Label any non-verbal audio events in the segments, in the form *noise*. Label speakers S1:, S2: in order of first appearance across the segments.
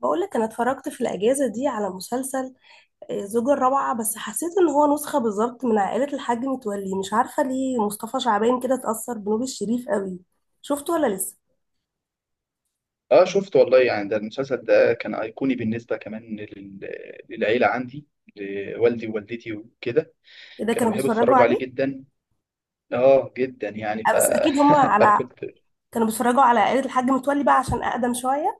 S1: بقول لك انا اتفرجت في الاجازه دي على مسلسل زوجة الرابعه. بس حسيت ان هو نسخه بالظبط من عائله الحاج متولي، مش عارفه ليه مصطفى شعبان كده اتاثر بنور الشريف قوي. شفته ولا لسه؟
S2: اه، شفت والله. يعني ده المسلسل ده كان ايقوني بالنسبه كمان للعيله عندي، لوالدي ووالدتي وكده.
S1: ايه ده،
S2: كانوا
S1: كانوا
S2: بيحبوا
S1: بيتفرجوا
S2: يتفرجوا عليه
S1: عليه؟
S2: جدا، اه جدا يعني
S1: بس اكيد هم
S2: *laughs* فانا
S1: على
S2: كنت.
S1: كانوا بيتفرجوا على عائله الحاج متولي بقى عشان اقدم شويه.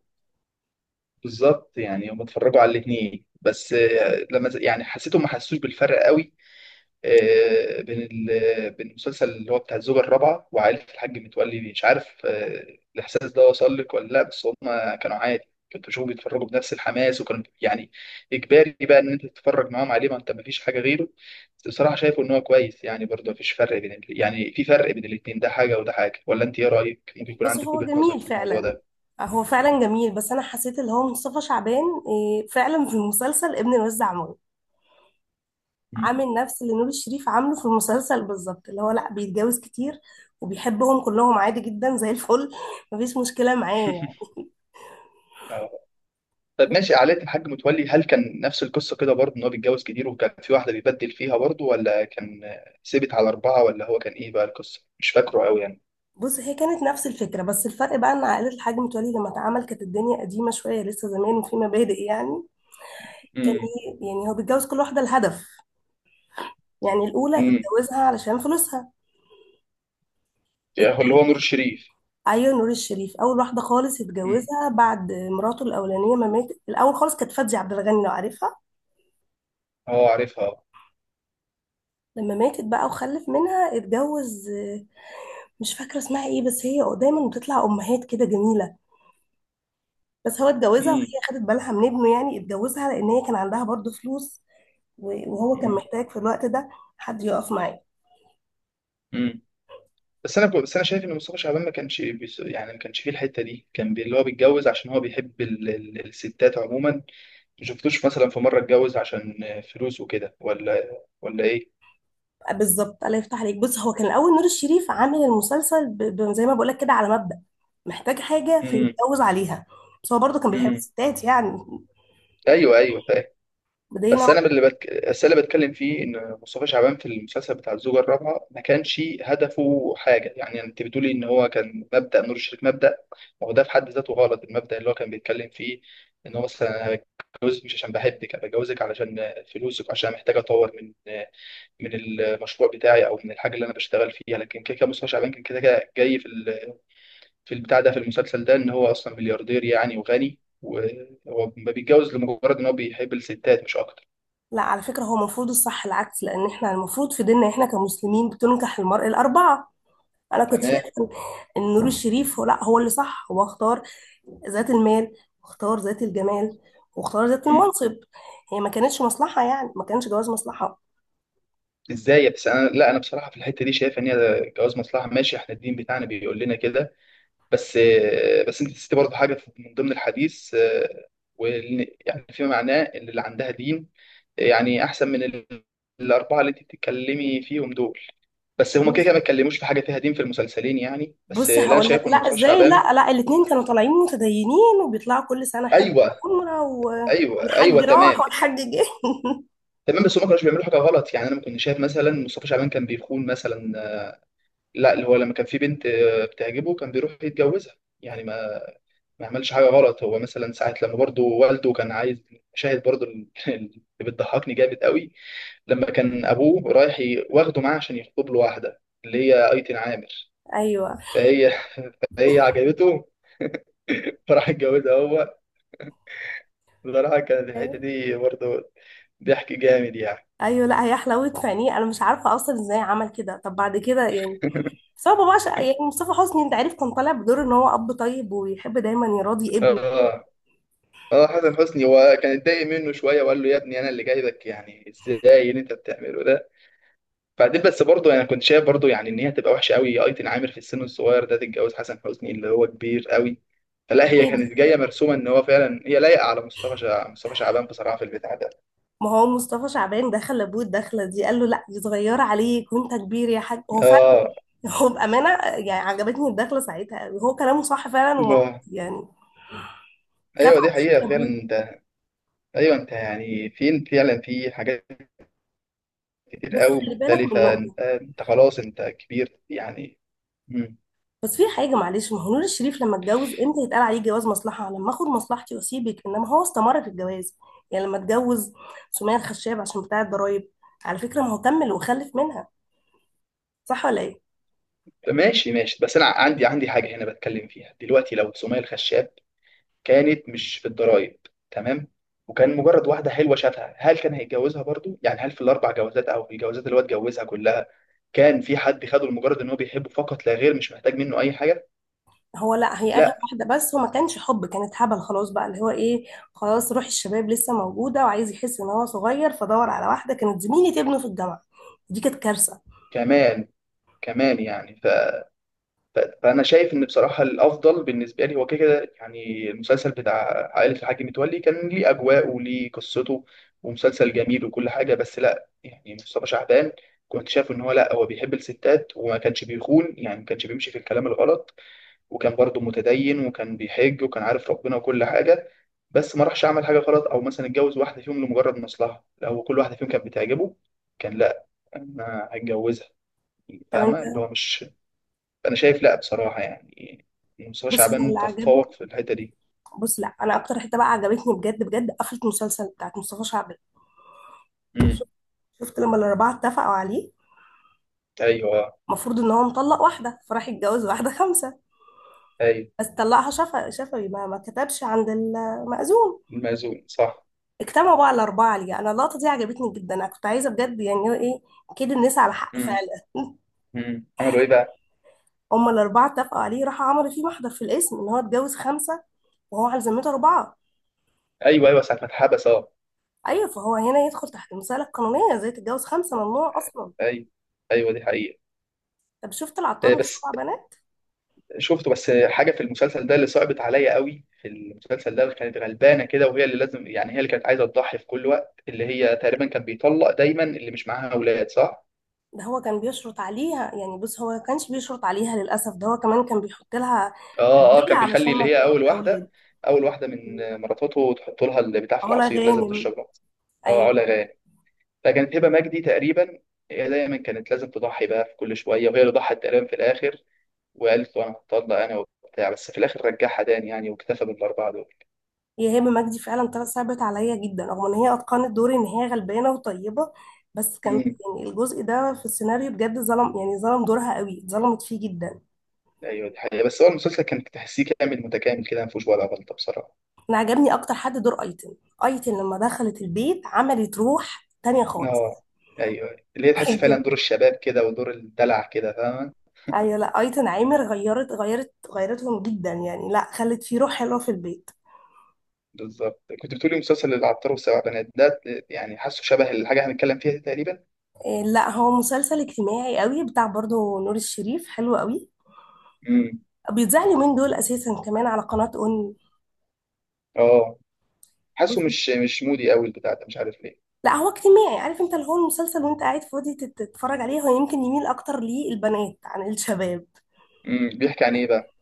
S2: بالظبط، يعني هم اتفرجوا على الاثنين بس لما يعني حسيتهم ما حسوش بالفرق قوي. بين بين المسلسل اللي هو بتاع الزوجة الرابعة وعائلة الحاج متولي. مش عارف، الإحساس ده وصل لك ولا لأ؟ بس هم كانوا عادي، كنت بشوفهم بيتفرجوا بنفس الحماس، وكانوا يعني إجباري بقى إن أنت تتفرج معاهم عليه، ما أنت مفيش حاجة غيره. بس بصراحة شايفه إن هو كويس، يعني برضه مفيش فرق بين يعني في فرق بين الاتنين، ده حاجة وده حاجة، ولا أنت إيه رأيك؟ ممكن يكون
S1: بس
S2: عندك
S1: هو
S2: وجهة نظر
S1: جميل
S2: في الموضوع
S1: فعلا.
S2: ده.
S1: هو فعلا جميل، بس انا حسيت اللي هو مصطفى شعبان فعلا في المسلسل ابن الوزع
S2: مم.
S1: عامل نفس اللي نور الشريف عامله في المسلسل بالظبط، اللي هو لا بيتجوز كتير وبيحبهم كلهم عادي جدا زي الفل *laughs* مفيش مشكلة معاه يعني.
S2: *laughs* طب ماشي، عائلة الحاج متولي هل كان نفس القصة كده برضه؟ إن هو بيتجوز كتير وكان في واحدة بيبدل فيها برضه، ولا كان ثابت على أربعة، ولا هو كان إيه بقى القصة؟ مش فاكره أوي يعني.
S1: بص، هي كانت نفس الفكرة، بس الفرق بقى ان عائلة الحاج متولي لما اتعمل كانت الدنيا قديمة شوية لسه زمان وفي مبادئ يعني.
S2: امم.
S1: يعني هو بيتجوز كل واحدة لهدف. يعني الأولى
S2: امم.
S1: اتجوزها علشان فلوسها.
S2: يعني هو اللي
S1: الت-
S2: هو نور الشريف.
S1: أيوة، نور الشريف أول واحدة خالص
S2: امم.
S1: اتجوزها بعد مراته الأولانية ما ماتت. الأول خالص كانت فادية عبد الغني، لو عارفها.
S2: أه عارفها.
S1: لما ماتت بقى وخلف منها اتجوز، مش فاكرة اسمها ايه بس هي دايما بتطلع امهات كده جميلة. بس هو اتجوزها
S2: امم.
S1: وهي خدت بالها من ابنه، يعني اتجوزها لان هي كان عندها برضو فلوس، وهو كان
S2: امم.
S1: محتاج في الوقت ده حد يقف معاه.
S2: امم. بس أنا شايف إن مصطفى شعبان ما كانش يعني ما كانش فيه الحتة دي، كان اللي هو بيتجوز عشان هو بيحب الستات عموما. ما شفتوش مثلا في مرة اتجوز عشان فلوس وكده، ولا إيه؟
S1: بالظبط، الله يفتح عليك. بص، هو كان الاول نور الشريف عامل المسلسل زي ما بقولك كده، على مبدأ محتاج حاجة
S2: امم.
S1: فيتجوز عليها، بس هو برضه كان بيحب
S2: امم.
S1: الستات يعني.
S2: ايوه، ايوه.
S1: بدينا.
S2: بس أنا اللي بتكلم فيه ان مصطفى شعبان في المسلسل بتاع الزوجه الرابعه ما كانش هدفه حاجه. يعني انت بتقولي ان هو كان مبدا نور الشريف مبدا. ما هو ده في حد ذاته غلط، المبدا اللي هو كان بيتكلم فيه، ان هو مثلا: أنا بتجوزك مش عشان بحبك، انا بتجوزك علشان فلوسك، عشان محتاج اطور من المشروع بتاعي او من الحاجه اللي انا بشتغل فيها. لكن كده كده مصطفى شعبان كان كده كده جاي في في البتاع ده، في المسلسل ده، ان هو اصلا ملياردير يعني، وغني، وهو ما بيتجوز لمجرد ان هو بيحب الستات مش اكتر.
S1: لا، على فكرة هو المفروض الصح العكس، لأن احنا المفروض في ديننا احنا كمسلمين بتنكح المرأة الأربعة. أنا كنت
S2: تمام.
S1: شايفة ان نور الشريف هو لا هو اللي صح، هو اختار ذات المال، واختار ذات الجمال، واختار ذات
S2: مم.
S1: المنصب. هي ما كانتش مصلحة يعني، ما كانش جواز مصلحة.
S2: ازاي؟ بس انا، لا انا بصراحه في الحته دي شايف ان هي جواز مصلحه. ماشي، احنا الدين بتاعنا بيقول لنا كده. بس، بس انت نسيتي برضه حاجه من ضمن الحديث، يعني فيما معناه ان اللي عندها دين يعني احسن من الاربعه اللي انت بتتكلمي فيهم دول. بس هما كده كده ما اتكلموش في حاجه فيها دين في المسلسلين يعني، بس
S1: بص
S2: اللي انا
S1: هقول لك،
S2: شايفه
S1: لا
S2: ان مصطفى
S1: ازاي،
S2: شعبان.
S1: لا لا، الاتنين كانوا طالعين متدينين وبيطلعوا كل سنة حج،
S2: ايوه،
S1: عمرة
S2: ايوه، ايوه.
S1: والحج راح
S2: تمام،
S1: والحج جه.
S2: تمام. بس هما ما كانوش بيعملوا حاجه غلط يعني، انا ما كنت شايف مثلا مصطفى شعبان كان بيخون مثلا. لا، اللي هو لما كان في بنت بتعجبه كان بيروح يتجوزها يعني، ما عملش حاجة غلط. هو مثلا ساعة لما برضه والده كان عايز شاهد، برضه *laughs* اللي بتضحكني جامد قوي، لما كان أبوه رايح واخده معاه عشان يخطب له واحدة اللي هي أيتن عامر.
S1: *laughs* ايوه
S2: فهي عجبته. *laughs* فراح اتجوزها هو. بصراحة كانت الحتة دي برضه ضحك جامد يعني.
S1: ايوه، لا هي حلاوة فنيه، انا مش عارفة اصلا ازاي عمل كده. طب بعد كده يعني، بس هو بابا يعني مصطفى حسني، انت عارف كان طالع بدور ان هو اب طيب ويحب دايما يراضي
S2: اه، اه. حسن حسني هو كان اتضايق منه شوية وقال له يا ابني أنا اللي جايبك، يعني ازاي اللي أنت بتعمله ده؟ بعدين بس برضه انا كنت شايف برضه يعني ان هي تبقى وحشه قوي، ايتن عامر في السن الصغير ده تتجوز حسن حسني اللي هو كبير قوي. فلا، هي
S1: ابنه.
S2: كانت جايه مرسومه ان هو فعلا هي لايقه على مصطفى شعبان بصراحه في البتاع ده.
S1: ما هو مصطفى شعبان دخل لابوه الدخله دي قال له لا دي صغيره عليك وانت كبير يا حاج، هو فعلا،
S2: اه،
S1: هو بامانه يعني عجبتني الدخله ساعتها قوي. هو كلامه صح فعلا ومنطقي
S2: اه.
S1: يعني، خاف
S2: ايوه دي
S1: على
S2: حقيقه
S1: شكل
S2: فعلا،
S1: ابوه.
S2: انت. ايوه، انت يعني فين فعلا؟ في حاجات كتير
S1: بس
S2: قوي
S1: خلي بالك من
S2: مختلفه،
S1: نقطه،
S2: انت خلاص انت كبير يعني. مم.
S1: بس في حاجه معلش، ما هو نور الشريف لما اتجوز امتى يتقال عليه جواز مصلحه؟ لما اخد مصلحتي واسيبك، انما هو استمر في الجواز. يعني لما اتجوز سمية الخشاب عشان بتاع الضرايب، على فكره ما هو كمل وخلف منها، صح ولا ايه؟
S2: ماشي، ماشي. بس انا عندي حاجه هنا بتكلم فيها دلوقتي: لو سمية الخشاب كانت مش في الضرايب، تمام، وكان مجرد واحده حلوه شافها، هل كان هيتجوزها برضو؟ يعني هل في الاربع جوازات او في الجوازات اللي هو اتجوزها كلها كان في حد خده لمجرد ان هو بيحبه فقط لا غير، مش محتاج منه اي حاجه؟
S1: هو لا، هي اخر
S2: لا.
S1: واحده بس هو ما كانش حب، كانت هبل خلاص بقى اللي هو ايه، خلاص روح الشباب لسه موجوده وعايز يحس ان هو صغير فدور على واحده كانت زميله ابنه في الجامعه. دي كانت كارثه.
S2: كمان، كمان يعني فانا شايف ان بصراحه الافضل بالنسبه لي هو كده كده. يعني المسلسل بتاع عائله الحاج متولي كان ليه اجواءه وليه قصته، ومسلسل جميل وكل حاجه. بس لا، يعني مصطفى شعبان كنت شايف ان هو لا، هو بيحب الستات وما كانش بيخون يعني، ما كانش بيمشي في الكلام الغلط، وكان برضه متدين وكان بيحج وكان عارف ربنا وكل حاجة. بس ما راحش عمل حاجة غلط أو مثلا اتجوز واحدة فيهم لمجرد مصلحة، لا هو كل واحدة فيهم كانت بتعجبه، كان لا، أنا هتجوزها.
S1: طب انت،
S2: فاهمة اللي هو مش. أنا شايف، لا بصراحة يعني مصطفى
S1: بص هو
S2: شعبان
S1: اللي عجبني،
S2: تفوق في الحتة دي.
S1: بص لا انا اكتر حته بقى عجبتني بجد بجد قفله المسلسل بتاعت مصطفى شعبان.
S2: امم.
S1: شفت لما الاربعه اتفقوا عليه؟
S2: أيوه.
S1: المفروض ان هو مطلق واحده فراح يتجوز واحده خمسه،
S2: أيوه،
S1: بس طلقها شفا شفوي، ما كتبش عند المأذون.
S2: المأذون صح.
S1: اجتمعوا بقى الأربعة ليه؟ أنا اللقطة دي عجبتني جدا، أنا كنت عايزة بجد يعني إيه كده، الناس على حق
S2: امم.
S1: فعلا. *laughs*
S2: امم. عملوا إيه بقى؟
S1: هما الأربعة اتفقوا عليه، راحوا عملوا فيه محضر في الاسم إن هو اتجوز خمسة وهو على ذمته أربعة.
S2: أيوه، أيوه، ساعة ما اتحبس، أه.
S1: أيوة، فهو هنا يدخل تحت المسألة القانونية، زي تتجوز خمسة ممنوع أصلا.
S2: أيوه، أيوه دي حقيقة.
S1: طب شفت العطار والسبع
S2: بس
S1: بنات؟
S2: شفته. بس حاجه في المسلسل ده اللي صعبت عليا قوي في المسلسل ده، اللي كانت غلبانه كده، وهي اللي لازم يعني هي اللي كانت عايزه تضحي في كل وقت، اللي هي تقريبا كان بيطلق دايما اللي مش معاها اولاد، صح؟
S1: ده هو كان بيشرط عليها يعني، بص هو ما كانش بيشرط عليها للأسف، ده هو كمان كان بيحط لها
S2: اه، اه،
S1: أدوية
S2: كان
S1: علشان
S2: بيخلي اللي
S1: ما
S2: هي
S1: تجيبش
S2: اول
S1: أولاد.
S2: واحده اول واحده من مراتاته تحط لها البتاع في
S1: علا
S2: العصير، لازم
S1: غانم.
S2: تشرب العصير. اه، علا
S1: أيوة.
S2: غانم. فكانت هبه مجدي تقريبا هي دايما كانت لازم تضحي بقى في كل شويه، وهي اللي ضحت تقريبا في الاخر وقالت له انا هتطلق انا وبتاع. بس في الاخر رجعها تاني يعني، واكتفى بالاربعه
S1: هي هبه مجدي فعلا طلعت صعبت عليا جدا، رغم ان هي اتقنت دور ان هي غلبانه وطيبه، بس كان،
S2: دول.
S1: يعني الجزء ده في السيناريو بجد ظلم، يعني ظلم دورها قوي، ظلمت فيه جدا.
S2: ايوه دي حقيقة. بس هو المسلسل كان تحسيه كامل متكامل كده، ما فيهوش ولا غلطة بصراحة.
S1: انا عجبني اكتر حد دور ايتن. ايتن لما دخلت البيت عملت روح تانية خالص.
S2: اه، ايوه، اللي هي
S1: *laughs*
S2: تحس فعلا
S1: ايتن.
S2: دور الشباب كده ودور الدلع كده، فاهمة؟
S1: ايوه، لا ايتن عامر غيرتهم جدا يعني، لا خلت فيه روح حلوه في البيت.
S2: بالظبط. كنت بتقولي مسلسل العطار والسبع بنات ده، يعني حاسه شبه الحاجة هنتكلم فيها دي تقريبا.
S1: إيه، لا هو مسلسل اجتماعي قوي بتاع برضه نور الشريف، حلو قوي،
S2: امم.
S1: بيتذاع اليومين دول اساسا كمان على قناه اون.
S2: اه، حاسه مش مودي قوي البتاع ده، مش عارف ليه.
S1: لا هو اجتماعي، عارف انت اللي هو المسلسل وانت قاعد فاضي تتفرج عليه، هو يمكن يميل اكتر للبنات عن الشباب.
S2: امم. بيحكي عن ايه بقى؟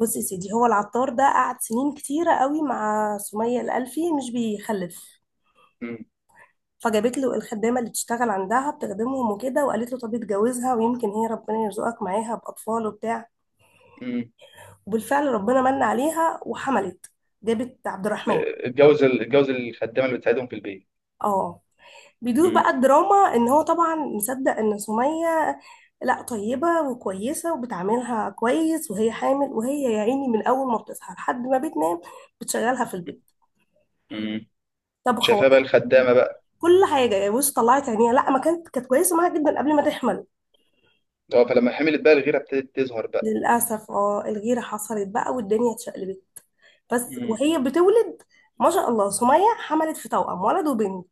S1: بص يا سيدي، هو العطار ده قعد سنين كتيرة قوي مع سمية الألفي مش بيخلف،
S2: امم.
S1: فجابت له الخدامة اللي تشتغل عندها بتخدمهم وكده وقالت له طب اتجوزها ويمكن هي ربنا يرزقك معاها بأطفال وبتاع،
S2: امم.
S1: وبالفعل ربنا من عليها وحملت، جابت عبد الرحمن.
S2: اتجوز الخدامة اللي بتساعدهم في البيت.
S1: اه. بيدور
S2: امم.
S1: بقى الدراما ان هو طبعا مصدق ان سمية لا طيبة وكويسة وبتعاملها كويس، وهي حامل وهي يا عيني من اول ما بتصحى لحد ما بتنام بتشغلها في البيت،
S2: امم.
S1: طبخ
S2: شايفاها بقى
S1: وغير
S2: الخدامة
S1: *laughs*
S2: بقى.
S1: كل حاجة يعني. بص طلعت عينيها، لا ما كانت كويسة معاها جدا قبل ما تحمل.
S2: اه، فلما حملت بقى الغيرة ابتدت تظهر بقى.
S1: للأسف الغيرة حصلت بقى والدنيا اتشقلبت. بس
S2: امم.
S1: وهي بتولد، ما شاء الله، سمية حملت في توأم ولد وبنت.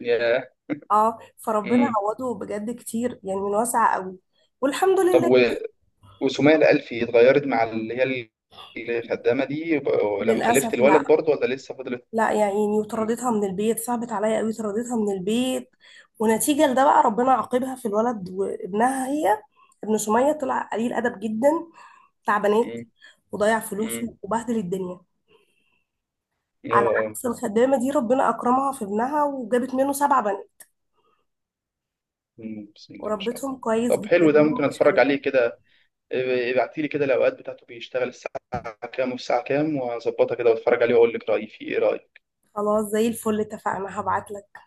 S2: ياه.
S1: اه فربنا عوضه بجد كتير يعني، من واسع قوي، والحمد
S2: طب
S1: لله.
S2: وسمية الألفي اتغيرت مع اللي هي الخدامة دي لما خلفت
S1: للأسف لا.
S2: الولد برضه، ولا لسه فضلت؟
S1: لا يا عيني،
S2: مم.
S1: وطردتها من البيت، صعبت عليا قوي، طردتها من البيت. ونتيجة لده بقى ربنا عاقبها في الولد، وابنها هي، ابن سمية، طلع قليل أدب جدا، بتاع بنات،
S2: مم.
S1: وضيع
S2: مم.
S1: فلوسه وبهدل الدنيا.
S2: اه.
S1: على
S2: آه.
S1: عكس الخدامة دي ربنا أكرمها في ابنها وجابت منه سبع بنات،
S2: مم. بسم الله ما شاء
S1: وربتهم
S2: الله.
S1: كويس
S2: طب
S1: جدا،
S2: حلو، ده ممكن
S1: هم مش
S2: اتفرج
S1: حلوين.
S2: عليه كده. إيه، ابعتي لي كده الأوقات بتاعته، بيشتغل الساعة كام والساعة كام، وهظبطها كده واتفرج عليه واقول لك رأيي فيه. ايه رأيك؟
S1: خلاص زي الفل، اتفقنا، هبعتلك.